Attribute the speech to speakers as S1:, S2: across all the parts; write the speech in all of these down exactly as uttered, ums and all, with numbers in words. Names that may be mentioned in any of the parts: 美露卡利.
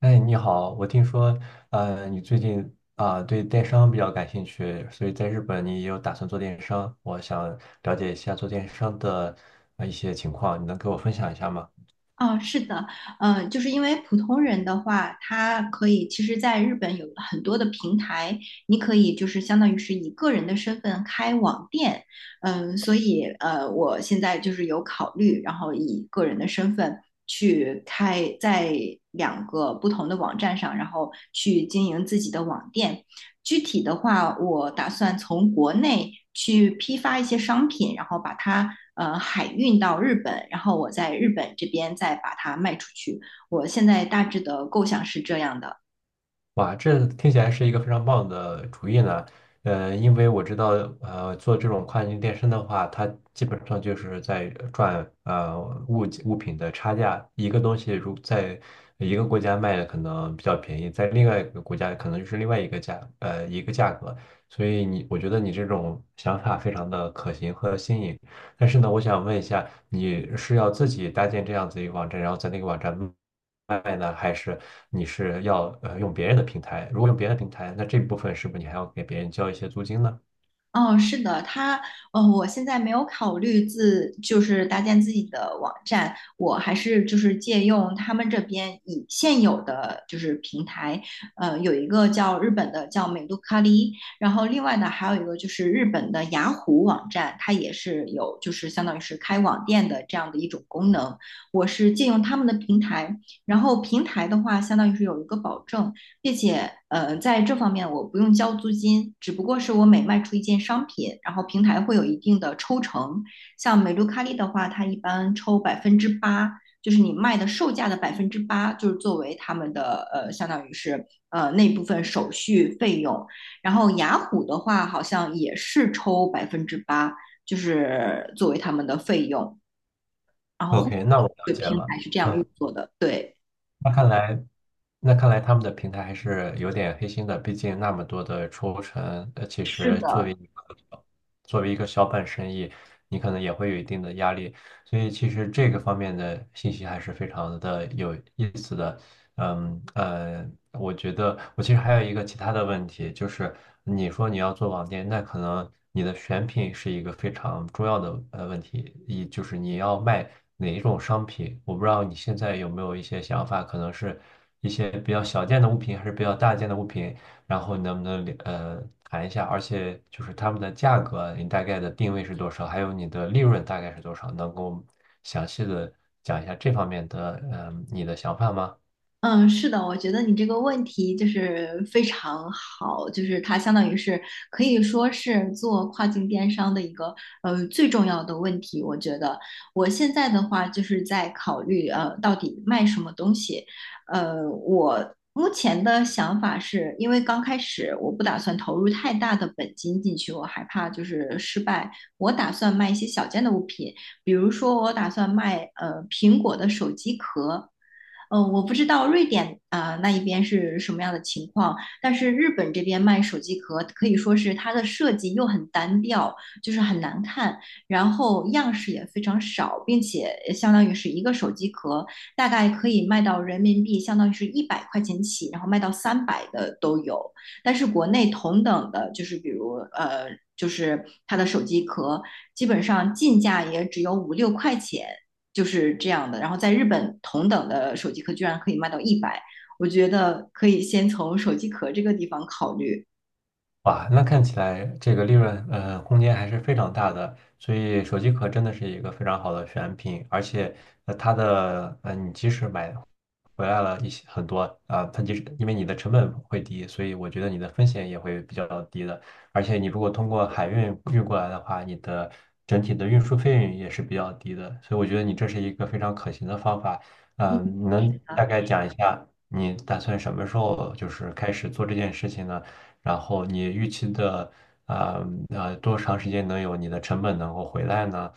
S1: 哎，你好，我听说，呃，你最近啊，对电商比较感兴趣，所以在日本你也有打算做电商，我想了解一下做电商的呃一些情况，你能给我分享一下吗？
S2: 哦，是的，呃，就是因为普通人的话，他可以，其实在日本有很多的平台，你可以就是相当于是以个人的身份开网店。嗯、所以呃，我现在就是有考虑，然后以个人的身份去开在两个不同的网站上，然后去经营自己的网店。具体的话，我打算从国内去批发一些商品，然后把它呃海运到日本，然后我在日本这边再把它卖出去。我现在大致的构想是这样的。
S1: 哇，这听起来是一个非常棒的主意呢。呃，因为我知道，呃，做这种跨境电商的话，它基本上就是在赚呃物物品的差价。一个东西如在一个国家卖的可能比较便宜，在另外一个国家可能就是另外一个价呃一个价格。所以你，我觉得你这种想法非常的可行和新颖。但是呢，我想问一下，你是要自己搭建这样子一个网站，然后在那个网站卖呢，还是？你是要呃用别人的平台，如果用别人的平台，那这部分是不是你还要给别人交一些租金呢
S2: 哦，是的，它，呃，我现在没有考虑自，就是搭建自己的网站，我还是就是借用他们这边已现有的就是平台。呃，有一个叫日本的叫美露卡利，然后另外呢还有一个就是日本的雅虎网站，它也是有就是相当于是开网店的这样的一种功能，我是借用他们的平台，然后平台的话相当于是有一个保证。并且呃，在这方面我不用交租金，只不过是我每卖出一件商品，然后平台会有一定的抽成。像美露卡利的话，它一般抽百分之八，就是你卖的售价的百分之八，就是作为他们的呃，相当于是呃那部分手续费用。然后雅虎的话，好像也是抽百分之八，就是作为他们的费用。然后会
S1: ？OK，那我了
S2: 对，
S1: 解
S2: 平
S1: 了。
S2: 台是这样运
S1: 嗯，
S2: 作的。对，
S1: 那看来那看来他们的平台还是有点黑心的，毕竟那么多的抽成，呃，其
S2: 是，
S1: 实作为一个作为一个小本生意，你可能也会有一定的压力，所以其实这个方面的信息还是非常的有意思的。嗯呃，我觉得我其实还有一个其他的问题，就是你说你要做网店，那可能你的选品是一个非常重要的呃问题，一就是你要卖哪一种商品，我不知道你现在有没有一些想法，可能是一些比较小件的物品，还是比较大件的物品，然后你能不能呃谈一下，而且就是他们的价格，你大概的定位是多少，还有你的利润大概是多少，能够详细的讲一下这方面的嗯、呃你的想法吗？
S2: 嗯，是的。我觉得你这个问题就是非常好，就是它相当于是可以说是做跨境电商的一个呃最重要的问题。我觉得我现在的话就是在考虑呃到底卖什么东西。呃，我目前的想法是因为刚开始我不打算投入太大的本金进去，我害怕就是失败。我打算卖一些小件的物品，比如说我打算卖呃苹果的手机壳。呃，我不知道瑞典啊、呃那一边是什么样的情况，但是日本这边卖手机壳可以说是它的设计又很单调，就是很难看，然后样式也非常少，并且相当于是一个手机壳大概可以卖到人民币相当于是一百块钱起，然后卖到三百的都有。但是国内同等的，就是比如呃，就是它的手机壳，基本上进价也只有五六块钱，就是这样的。然后在日本，同等的手机壳居然可以卖到一百，我觉得可以先从手机壳这个地方考虑。
S1: 哇，那看起来这个利润呃空间还是非常大的，所以手机壳真的是一个非常好的选品，而且呃它的呃你即使买回来了一些很多啊，它就是因为你的成本会低，所以我觉得你的风险也会比较低的。而且你如果通过海运运过来的话，你的整体的运输费用也是比较低的。所以我觉得你这是一个非常可行的方法。嗯，你能
S2: 啊，
S1: 大概讲一下你打算什么时候就是开始做这件事情呢？然后你预期的啊呃，多长时间能有你的成本能够回来呢？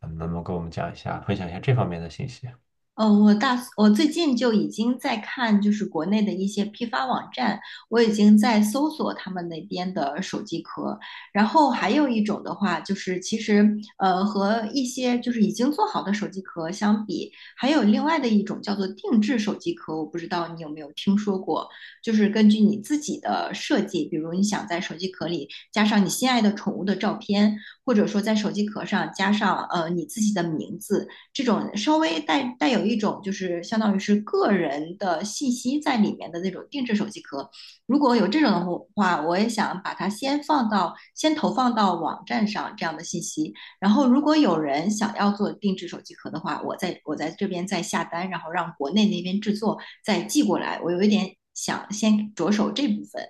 S1: 嗯，能不能给我们讲一下，分享一下这方面的信息？
S2: 呃，我大我最近就已经在看，就是国内的一些批发网站，我已经在搜索他们那边的手机壳。然后还有一种的话，就是其实呃和一些就是已经做好的手机壳相比，还有另外的一种叫做定制手机壳，我不知道你有没有听说过，就是根据你自己的设计，比如你想在手机壳里加上你心爱的宠物的照片，或者说在手机壳上加上呃你自己的名字。这种稍微带带有一种就是相当于是个人的信息在里面的那种定制手机壳，如果有这种的话，我也想把它先放到先投放到网站上这样的信息，然后如果有人想要做定制手机壳的话，我在我在这边再下单，然后让国内那边制作再寄过来，我有一点想先着手这部分。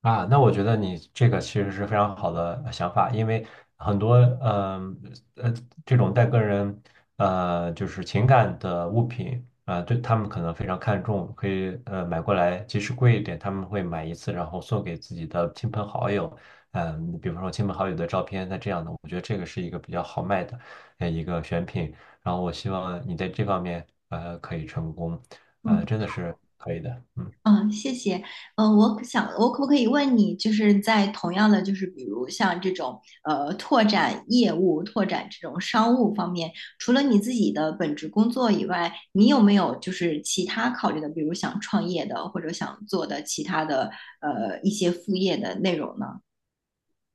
S1: 啊，那我觉得你这个其实是非常好的呃想法，因为很多嗯呃，这种带个人呃就是情感的物品啊、对他们可能非常看重，可以呃买过来，即使贵一点，他们会买一次，然后送给自己的亲朋好友，嗯、比方说亲朋好友的照片，那这样的，我觉得这个是一个比较好卖的呃一个选品，然后我希望你在这方面呃可以成功，呃
S2: 嗯。
S1: 真的是可以的，嗯。
S2: 嗯，谢谢。嗯，我可想，我可不可以问你，就是在同样的，就是比如像这种呃拓展业务、拓展这种商务方面，除了你自己的本职工作以外，你有没有就是其他考虑的，比如想创业的，或者想做的其他的呃一些副业的内容呢？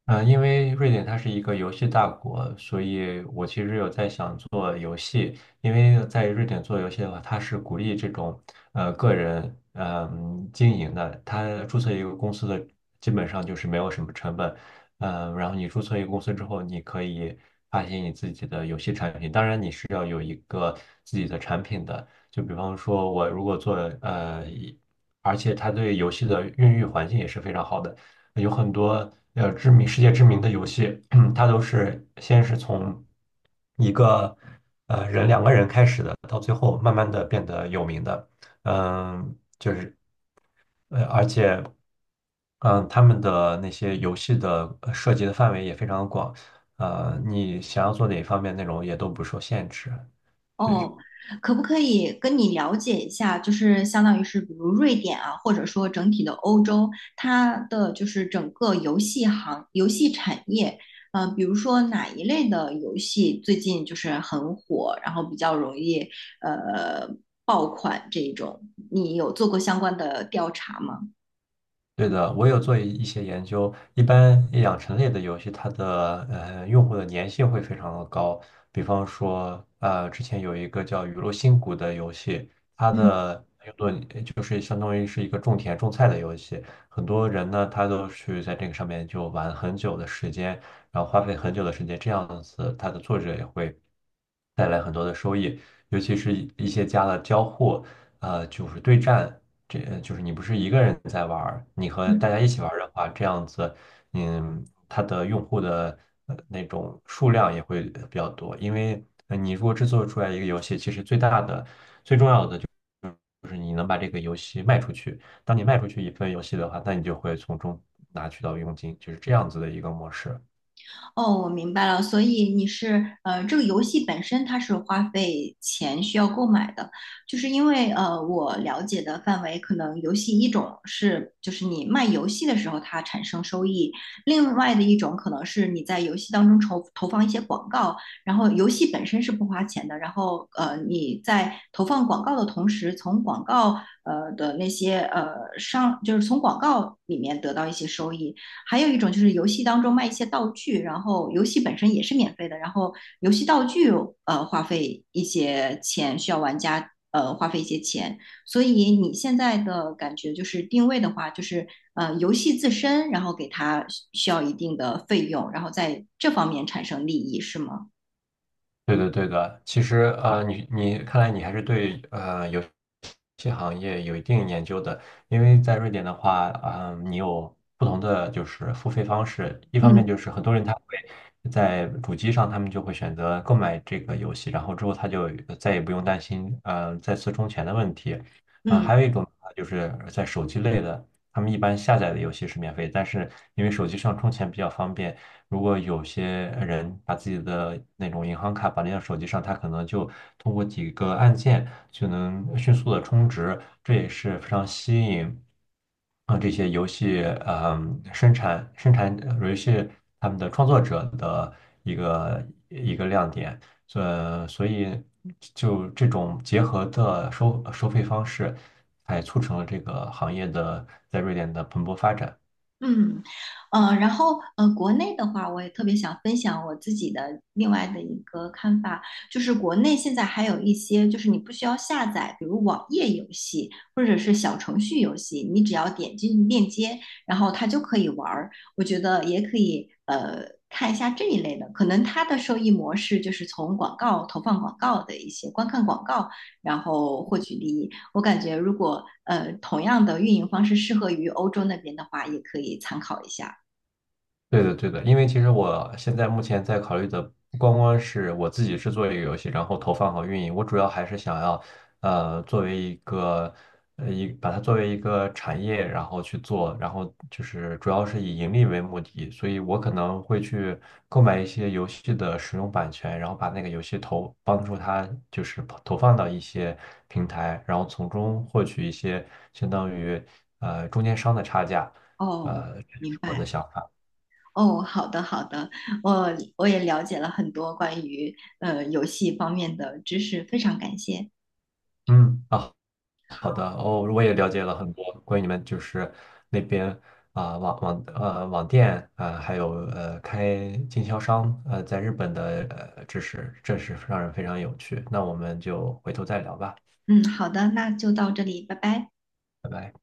S1: 嗯，因为瑞典它是一个游戏大国，所以我其实有在想做游戏。因为在瑞典做游戏的话，它是鼓励这种呃个人嗯经营的。它注册一个公司的基本上就是没有什么成本，嗯，然后你注册一个公司之后，你可以发行你自己的游戏产品。当然，你是要有一个自己的产品的。就比方说，我如果做呃，一而且它对游戏的孕育环境也是非常好的。有很多呃知名世界知名的游戏，它都是先是从一个呃人两个人开始的，到最后慢慢的变得有名的，嗯，就是呃而且嗯他们的那些游戏的呃涉及的范围也非常广，呃你想要做哪方面内容也都不受限制。
S2: 哦，可不可以跟你了解一下，就是相当于是比如瑞典啊，或者说整体的欧洲，它的就是整个游戏行、游戏产业。嗯，比如说哪一类的游戏最近就是很火，然后比较容易呃爆款这一种，你有做过相关的调查吗？
S1: 对的，我有做一一些研究，一般养成类的游戏，它的呃用户的粘性会非常的高。比方说，呃，之前有一个叫《雨露新谷》的游戏，它的用作就是相当于是一个种田种菜的游戏，很多人呢他都去在这个上面就玩很久的时间，然后花费很久的时间，这样子它的作者也会带来很多的收益，尤其是一一些加了交互，呃，就是对战。这呃就是你不是一个人在玩儿，你和大
S2: 嗯。
S1: 家一起玩儿的话，这样子，嗯，它的用户的呃那种数量也会呃比较多。因为呃你如果制作出来一个游戏，其实最大的、最重要的就是你能把这个游戏卖出去。当你卖出去一份游戏的话，那你就会从中拿取到佣金，就是这样子的一个模式。
S2: 哦，我明白了，所以你是呃，这个游戏本身它是花费钱需要购买的，就是因为呃，我了解的范围可能游戏一种是就是你卖游戏的时候它产生收益，另外的一种可能是你在游戏当中投投放一些广告，然后游戏本身是不花钱的，然后呃你在投放广告的同时，从广告呃的那些呃商就是从广告里面得到一些收益。还有一种就是游戏当中卖一些道具，然后游戏本身也是免费的，然后游戏道具呃花费一些钱，需要玩家呃花费一些钱。所以你现在的感觉就是定位的话，就是呃游戏自身，然后给它需要一定的费用，然后在这方面产生利益，是吗？
S1: 对的，对的。其实，呃，你你看来你还是对呃游戏行业有一定研究的，因为在瑞典的话，啊、你有不同的就是付费方式。一方面
S2: 嗯
S1: 就是很多人他会在主机上，他们就会选择购买这个游戏，然后之后他就再也不用担心呃再次充钱的问题。啊、
S2: 嗯。
S1: 还有一种呃就是在手机类的，他们一般下载的游戏是免费，但是因为手机上充钱比较方便。如果有些人把自己的那种银行卡绑定到手机上，他可能就通过几个按键就能迅速的充值，这也是非常吸引啊这些游戏嗯生产生产呃游戏他们的创作者的一个一个亮点。所所以就这种结合的收收费方式，才促成了这个行业的在瑞典的蓬勃发展。
S2: 嗯，呃，然后呃，国内的话，我也特别想分享我自己的另外的一个看法，就是国内现在还有一些，就是你不需要下载，比如网页游戏或者是小程序游戏，你只要点进链接，然后它就可以玩儿。我觉得也可以，呃，看一下这一类的，可能它的收益模式就是从广告投放广告的一些观看广告然后获取利益。我感觉如果呃同样的运营方式适合于欧洲那边的话，也可以参考一下。
S1: 对的，对的，因为其实我现在目前在考虑的不光光是我自己制作一个游戏，然后投放和运营，我主要还是想要，呃，作为一个，呃，一把它作为一个产业，然后去做，然后就是主要是以盈利为目的，所以我可能会去购买一些游戏的使用版权，然后把那个游戏投，帮助它就是投放到一些平台，然后从中获取一些相当于呃中间商的差价，
S2: 哦，
S1: 呃，这就
S2: 明
S1: 是我的
S2: 白。
S1: 想法。
S2: 哦，好的好的，我我也了解了很多关于呃游戏方面的知识，非常感谢。
S1: 嗯啊，好的，哦，我也了解了很多关于你们就是那边啊、网网呃网店啊、还有呃开经销商呃在日本的呃知识，这是让人非常有趣。那我们就回头再聊吧，
S2: 嗯，好的，那就到这里，拜拜。
S1: 拜拜。